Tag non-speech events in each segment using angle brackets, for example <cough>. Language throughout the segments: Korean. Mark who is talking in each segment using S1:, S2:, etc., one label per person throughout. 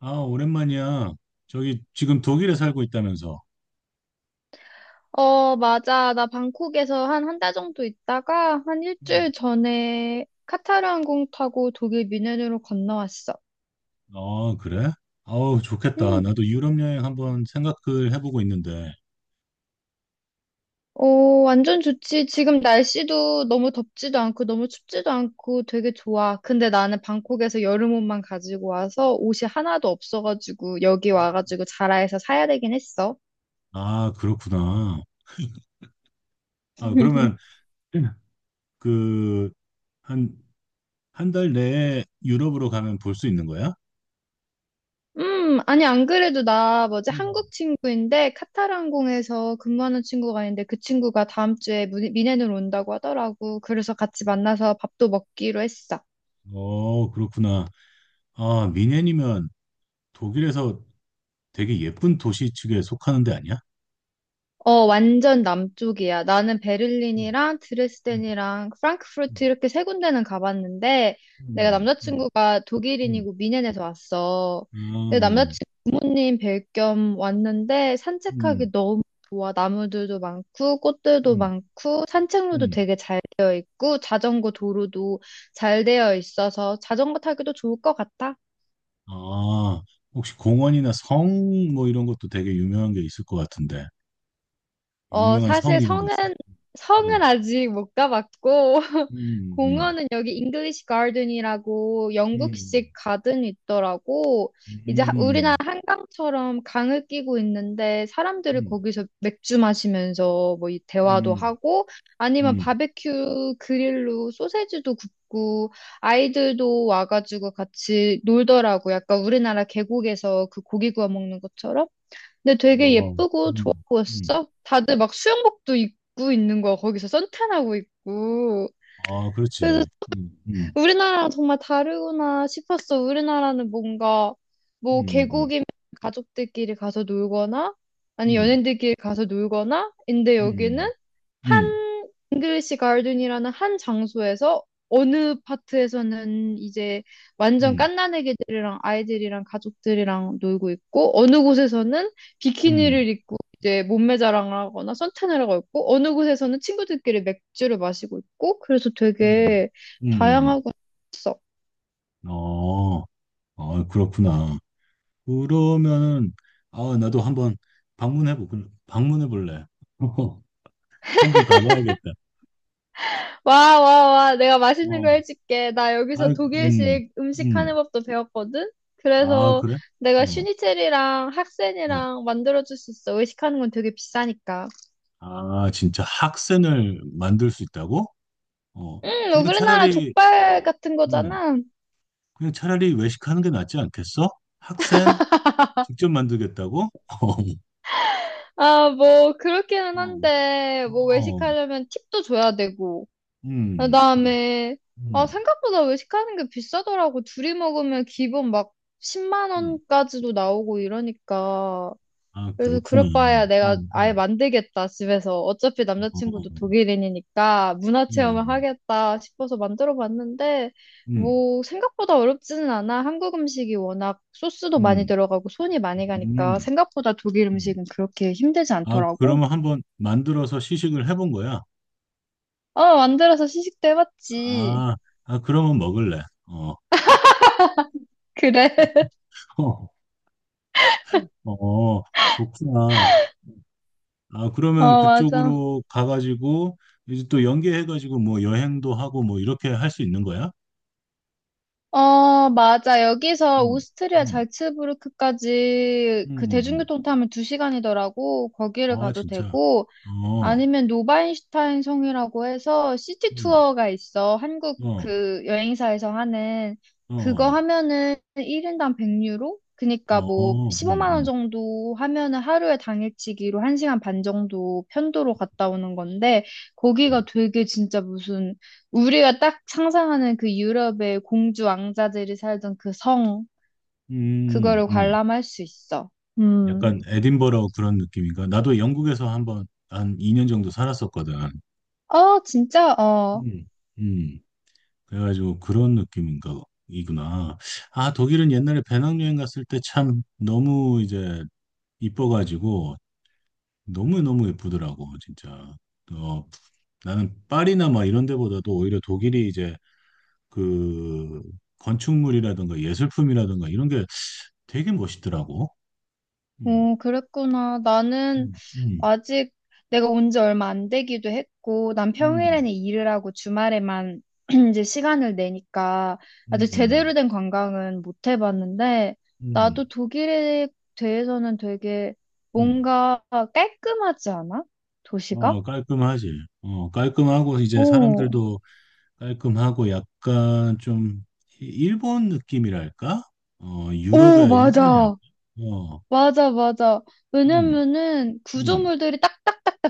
S1: 아, 오랜만이야. 저기 지금 독일에 살고 있다면서.
S2: 어, 맞아. 나 방콕에서 한 한달 정도 있다가 한
S1: 음.
S2: 일주일 전에 카타르 항공 타고 독일 뮌헨으로 건너왔어.
S1: 아, 그래? 아우, 좋겠다.
S2: 음
S1: 나도 유럽 여행 한번 생각을 해보고 있는데.
S2: 어, 완전 좋지. 지금 날씨도 너무 덥지도 않고 너무 춥지도 않고 되게 좋아. 근데 나는 방콕에서 여름 옷만 가지고 와서 옷이 하나도 없어가지고 여기
S1: 음.
S2: 와가지고 자라에서 사야 되긴 했어.
S1: 아, 그렇구나. 아, 그러면
S2: <laughs>
S1: 그 한 한 달 내에 유럽으로 가면 볼 수 있는 거야?
S2: 아니, 안 그래도 나 뭐지,
S1: 음.
S2: 한국 친구인데 카타르항공에서 근무하는 친구가 있는데 그 친구가 다음 주에 무 미넨으로 온다고 하더라고. 그래서 같이 만나서 밥도 먹기로 했어.
S1: 어, 그렇구나. 아, 미넨이면 독일에서 되게 예쁜 도시 측에 속하는데 아니야?
S2: 어, 완전 남쪽이야. 나는
S1: 음,
S2: 베를린이랑
S1: 음,
S2: 드레스덴이랑 프랑크푸르트 이렇게 세 군데는 가봤는데, 내가
S1: 음, 음,
S2: 남자친구가
S1: 음, 음.
S2: 독일인이고 미넨에서 왔어.
S1: 아,
S2: 근데
S1: 음,
S2: 남자친구 부모님 뵐 겸 왔는데,
S1: 음,
S2: 산책하기 너무 좋아. 나무들도 많고, 꽃들도
S1: 음,
S2: 많고, 산책로도
S1: 음.
S2: 되게 잘 되어 있고, 자전거 도로도 잘 되어 있어서 자전거 타기도 좋을 것 같아.
S1: 아, 혹시 공원이나 성 뭐 이런 것도 되게 유명한 게 있을 것 같은데.
S2: 어,
S1: 유명한 성
S2: 사실
S1: 이런 거
S2: 성은,
S1: 있어?
S2: 성은
S1: 응.
S2: 아직 못 가봤고. <laughs>
S1: 음, 음,
S2: 공원은 여기 잉글리시 가든이라고
S1: 음,
S2: 영국식 가든이 있더라고. 이제 우리나라
S1: 음,
S2: 한강처럼 강을 끼고 있는데, 사람들이
S1: 음,
S2: 거기서 맥주 마시면서 뭐이 대화도
S1: 음,
S2: 하고, 아니면
S1: 음,
S2: 바베큐 그릴로 소세지도 굽고, 아이들도 와가지고 같이 놀더라고. 약간 우리나라 계곡에서 그 고기 구워 먹는 것처럼. 근데 되게
S1: 어,
S2: 예쁘고 좋아
S1: 음, 음.
S2: 보였어. 다들 막 수영복도 입고 있는 거야. 거기서 선탠하고 있고.
S1: 아,
S2: 그래서
S1: 그렇지.
S2: 우리나라랑 정말 다르구나 싶었어. 우리나라는 뭔가,
S1: 음,
S2: 뭐
S1: 음,
S2: 계곡이면 가족들끼리 가서 놀거나 아니
S1: 음,
S2: 연인들끼리 가서 놀거나 인데, 여기는
S1: 음,
S2: 한 잉글리시 가든이라는 한 장소에서 어느 파트에서는 이제 완전
S1: 음,
S2: 갓난아기들이랑 아이들이랑 가족들이랑 놀고 있고, 어느 곳에서는
S1: 음,
S2: 비키니를 입고 이제 몸매 자랑을 하거나 선탠을 하고 있고, 어느 곳에서는 친구들끼리 맥주를 마시고 있고, 그래서
S1: 음,
S2: 되게
S1: 음.
S2: 다양하고 있어.
S1: 어, 아, 그렇구나. 그러면은, 아, 나도 한번 방문해 볼래. <laughs> 한 번 가봐야겠다.
S2: 와, 와, 와. 내가 맛있는 거
S1: 어,
S2: 해줄게. 나
S1: 아,
S2: 여기서
S1: 음,
S2: 독일식 음식 하는
S1: 음.
S2: 법도 배웠거든?
S1: 아,
S2: 그래서
S1: 그래?
S2: 내가
S1: 어,
S2: 슈니첼이랑
S1: 어.
S2: 학센이랑 만들어줄 수 있어. 외식하는 건 되게 비싸니까.
S1: 아, 진짜 학생을 만들 수 있다고? 어,
S2: 음,
S1: 그냥
S2: 우리나라
S1: 차라리,
S2: 족발 같은
S1: 음,
S2: 거잖아.
S1: 그냥 차라리 외식하는 게 낫지 않겠어? 학생 직접 만들겠다고? <laughs>
S2: 아, 뭐, 그렇기는
S1: 어,
S2: 한데, 뭐,
S1: 어,
S2: 외식하려면 팁도 줘야 되고.
S1: 음, 음,
S2: 그다음에,
S1: 음.
S2: 생각보다 외식하는 게 비싸더라고. 둘이 먹으면 기본 막 10만
S1: 음.
S2: 원까지도 나오고 이러니까.
S1: 아,
S2: 그래서
S1: 그렇구나.
S2: 그럴 바에야 내가 아예
S1: 음,
S2: 만들겠다, 집에서. 어차피
S1: 어,
S2: 남자친구도 독일인이니까 문화 체험을
S1: 음,
S2: 하겠다 싶어서 만들어 봤는데,
S1: 음,
S2: 뭐, 생각보다 어렵지는 않아. 한국 음식이 워낙 소스도 많이
S1: 음,
S2: 들어가고 손이 많이 가니까
S1: 음,
S2: 생각보다 독일
S1: 음.
S2: 음식은 그렇게 힘들지
S1: 아,
S2: 않더라고.
S1: 그러면 한번 만들어서 시식을 해본 거야?
S2: 어, 만들어서 시식도 해봤지.
S1: 아, 아, 그러면 먹을래. 어,
S2: 그래. <laughs>
S1: <laughs> 어, 어, 좋구나. 아, 그러면
S2: 어, 맞아.
S1: 그쪽으로 가가지고, 이제 또 연계해가지고, 뭐, 여행도 하고, 뭐, 이렇게 할 수 있는 거야?
S2: 어, 맞아. 여기서
S1: 음,
S2: 오스트리아
S1: 음,
S2: 잘츠부르크까지 그
S1: 음.
S2: 대중교통 타면 2시간이더라고. 거기를
S1: 아,
S2: 가도
S1: 진짜.
S2: 되고,
S1: 어,
S2: 아니면 노바인슈타인 성이라고 해서 시티
S1: 음,
S2: 투어가 있어. 한국
S1: 어,
S2: 그 여행사에서 하는
S1: 어,
S2: 그거
S1: 어,
S2: 하면은 1인당 100유로? 그니까 뭐
S1: 어,
S2: 15만 원 정도 하면은 하루에 당일치기로 1시간 반 정도 편도로 갔다 오는 건데,
S1: 음,
S2: 거기가 되게 진짜 무슨 우리가 딱 상상하는 그 유럽의 공주 왕자들이 살던 그 성, 그거를
S1: 음.
S2: 관람할 수 있어. 음.
S1: 약간 에딘버러 그런 느낌인가? 나도 영국에서 한번, 한 2년 정도 살았었거든.
S2: 어, 진짜? 어.
S1: 음, 음. 그래가지고 그런 느낌인가 이구나. 아, 독일은 옛날에 배낭여행 갔을 때 참 너무 이제 이뻐가지고 너무너무 예쁘더라고, 진짜. 어, 나는 파리나 막 이런 데보다도 오히려 독일이 이제 그 건축물이라든가 예술품이라든가 이런 게 되게 멋있더라고. 음,
S2: 그랬구나. 나는
S1: 음, 음,
S2: 아직, 내가 온지 얼마 안 되기도 했고, 난
S1: 음,
S2: 평일에는 일을 하고 주말에만 <clears throat> 이제 시간을 내니까 아직
S1: 음,
S2: 제대로 된 관광은 못 해봤는데,
S1: 음,
S2: 나도 독일에 대해서는 되게
S1: 음.
S2: 뭔가 깔끔하지 않아? 도시가?
S1: 어, 깔끔하지. 어, 깔끔하고 이제
S2: 오,
S1: 사람들도
S2: 오, 맞아. 맞아, 맞아. 왜냐면은 구조물들이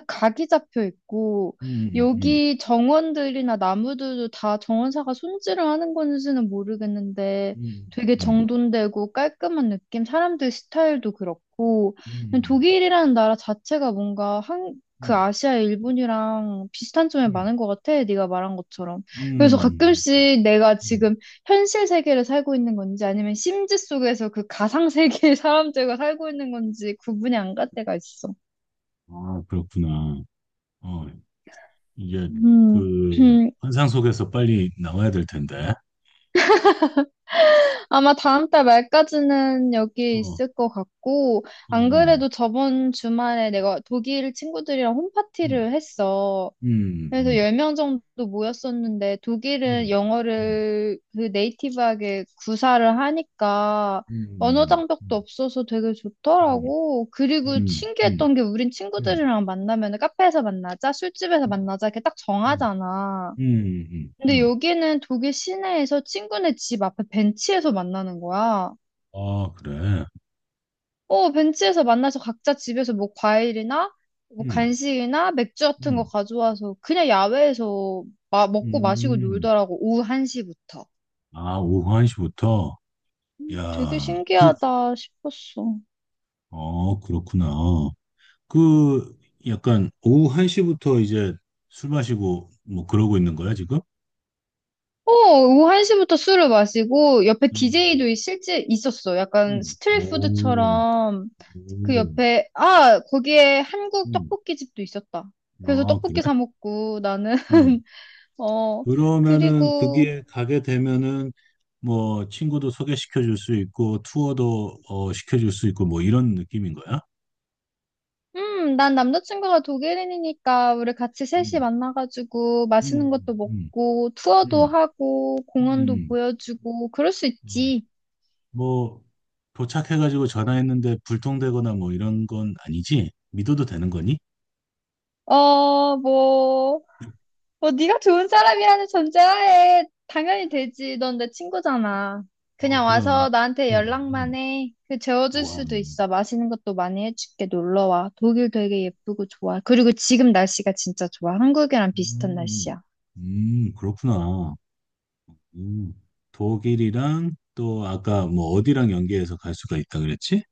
S2: 각이 잡혀 있고, 여기 정원들이나 나무들도 다 정원사가 손질을 하는 건지는 모르겠는데 되게 정돈되고 깔끔한 느낌, 사람들 스타일도 그렇고. 그냥 독일이라는 나라 자체가 뭔가 한, 그 아시아 일본이랑 비슷한 점이 많은 것 같아. 네가 말한 것처럼. 그래서 가끔씩 내가 지금 현실 세계를 살고 있는 건지 아니면 심지 속에서 그 가상 세계의 사람들과 살고 있는 건지 구분이 안 갈 때가 있어. 음. <clears throat> 아마 다음 달 말까지는 여기에 있을 것 같고, 안 그래도 저번 주말에 내가 독일 친구들이랑 홈파티를 했어. 그래서 10명 정도 모였었는데, 독일은 영어를 그 네이티브하게 구사를 하니까 언어 장벽도 없어서 되게 좋더라고. 그리고 신기했던 게, 우린 친구들이랑 만나면 카페에서 만나자, 술집에서 만나자 이렇게 딱 정하잖아. 근데 여기는 독일 시내에서 친구네 집 앞에 벤치에서 만나는 거야.
S1: 아, 그래.
S2: 어, 벤치에서 만나서 각자 집에서 뭐 과일이나 뭐
S1: 음,
S2: 간식이나 맥주 같은 거
S1: 음,
S2: 가져와서 그냥 야외에서 먹고 마시고
S1: 음.
S2: 놀더라고. 오후 1시부터.
S1: 아, 오후 1시부터?
S2: 되게
S1: 야, 그,
S2: 신기하다 싶었어.
S1: 어, 그렇구나. 그, 약간, 오후 1시부터 이제 술 마시고, 뭐, 그러고 있는 거야, 지금?
S2: 어, 오후 1시부터 술을 마시고 옆에 디
S1: 음,
S2: 제이도 실제 있었어. 약간
S1: 오,
S2: 스트리트푸드처럼 그
S1: 오,
S2: 옆에, 아, 거기에 한국
S1: 음.
S2: 떡볶이 집도 있었다. 그래서
S1: 아, 그래?
S2: 떡볶이 사 먹고 나는.
S1: 어.
S2: <laughs> 어,
S1: 그러면은,
S2: 그리고
S1: 그게 가게 되면은, 뭐, 친구도 소개시켜 줄 수 있고, 투어도, 어, 시켜 줄 수 있고, 뭐, 이런 느낌인 거야?
S2: 난 남자친구가 독일인이니까 우리 같이 셋이
S1: 음,
S2: 만나가지고 맛있는
S1: 음,
S2: 것도
S1: 음.
S2: 먹고 투어도
S1: 음.
S2: 하고 공원도
S1: 음,
S2: 보여주고 그럴 수
S1: 어,
S2: 있지.
S1: 뭐, 도착해가지고 전화했는데 불통되거나 뭐 이런 건 아니지? 믿어도 되는 거니?
S2: 뭐, 네가 좋은 사람이라는 전제하에 당연히 되지. 넌 내 친구잖아.
S1: 어,
S2: 그냥
S1: 그럼.
S2: 와서 나한테
S1: 음,
S2: 연락만
S1: 음.
S2: 해. 그 재워줄
S1: 우와.
S2: 수도 있어. 맛있는 것도 많이 해줄게. 놀러 와. 독일 되게 예쁘고 좋아. 그리고 지금 날씨가 진짜 좋아. 한국이랑 비슷한
S1: 음,
S2: 날씨야.
S1: 그렇구나. 음, 독일이랑 또 아까 뭐 어디랑 연계해서 갈 수가 있다 그랬지?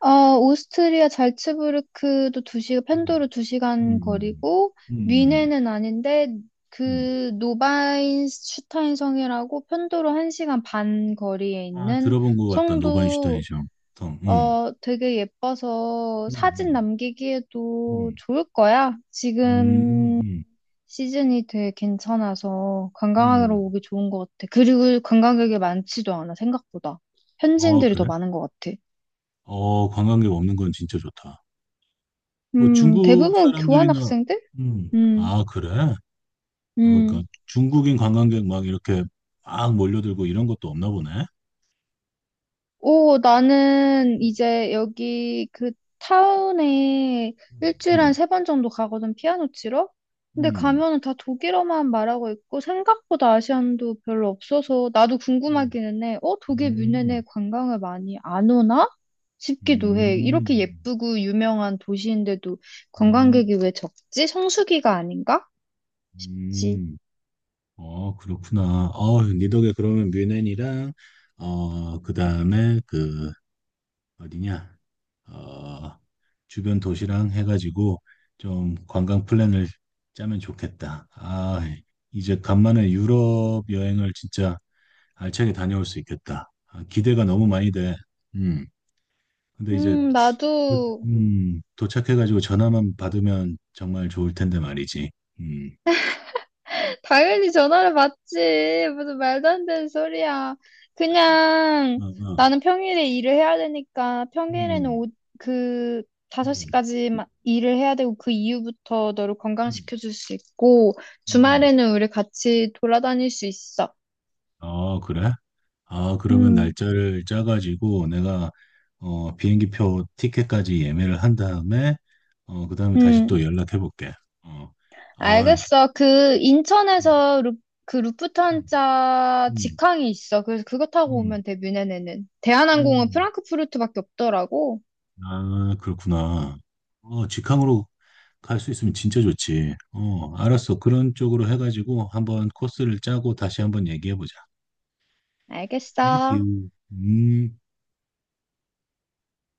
S2: 아, 오스트리아 잘츠부르크도 2시간
S1: 음,
S2: 편도로
S1: 음,
S2: 2시간
S1: 음,
S2: 거리고,
S1: 음, 음.
S2: 뮌헨은 아닌데,
S1: 음.
S2: 그 노바인슈타인 성이라고 편도로 1시간 반 거리에
S1: 아,
S2: 있는
S1: 들어본 것 같다. 노바인슈타인
S2: 성도,
S1: 정. 음,
S2: 되게 예뻐서 사진
S1: 음,
S2: 남기기에도
S1: 음,
S2: 좋을 거야.
S1: 음, 음,
S2: 지금
S1: 음.
S2: 시즌이 되게 괜찮아서 관광하러
S1: 음.
S2: 오기 좋은 것 같아. 그리고 관광객이 많지도 않아, 생각보다.
S1: 어,
S2: 현지인들이 더
S1: 그래?
S2: 많은 것 같아.
S1: 어, 관광객 없는 건 진짜 좋다. 뭐 중국
S2: 대부분
S1: 사람들이나,
S2: 교환학생들? 음,
S1: 아, 그래? 아,
S2: 음.
S1: 그러니까 중국인 관광객 막 이렇게 막 몰려들고 이런 것도 없나 보네.
S2: 나는 이제 여기 그 타운에 일주일에 한
S1: 음,
S2: 3번 정도 가거든, 피아노 치러? 근데
S1: 음,
S2: 가면은 다 독일어만 말하고 있고, 생각보다 아시안도 별로 없어서, 나도
S1: 음,
S2: 궁금하기는 해. 독일 뮌헨에
S1: 음,
S2: 관광을 많이 안 오나?
S1: 음,
S2: 싶기도 해. 이렇게
S1: 음,
S2: 예쁘고 유명한 도시인데도
S1: 음. 음,
S2: 관광객이 왜 적지? 성수기가 아닌가? 그치.
S1: 음. 어, 그렇구나. 어, 니 덕에 그러면 뮌헨이랑, 어, 그 다음에 그 어디냐? 어, 주변 도시랑 해가지고 좀 관광 플랜을 짜면 좋겠다. 아, 이제 간만에 유럽 여행을 진짜 알차게 다녀올 수 있겠다. 아, 기대가 너무 많이 돼. 음. 근데 이제
S2: 나도
S1: 도착해가지고 전화만 받으면 정말 좋을 텐데 말이지. 음.
S2: 당연히 전화를 받지. 무슨 말도 안 되는 소리야. 그냥
S1: 어, 어.
S2: 나는 평일에 일을 해야 되니까 평일에는
S1: 음.
S2: 그
S1: 음.
S2: 5시까지 일을 해야 되고 그 이후부터 너를
S1: 음.
S2: 건강시켜 줄 수 있고
S1: 음.
S2: 주말에는 우리 같이 돌아다닐 수 있어.
S1: 어, 그래? 아, 그러면
S2: 음,
S1: 날짜를 짜가지고 내가 어, 비행기표 티켓까지 예매를 한 다음에 어, 그다음에 다시
S2: 음.
S1: 또 연락해 볼게. 어. 아,
S2: 알겠어. 그
S1: 음,
S2: 인천에서 그 루프트한자
S1: 음,
S2: 직항이 있어. 그래서 그거 타고
S1: 음,
S2: 오면 돼, 뮌헨에는. 대한항공은
S1: 음.
S2: 프랑크푸르트밖에 없더라고.
S1: 아, 그렇구나. 어, 직항으로 갈 수 있으면 진짜 좋지. 어, 알았어. 그런 쪽으로 해가지고 한번 코스를 짜고 다시 한번 얘기해 보자.
S2: 알겠어.
S1: 땡큐. 음.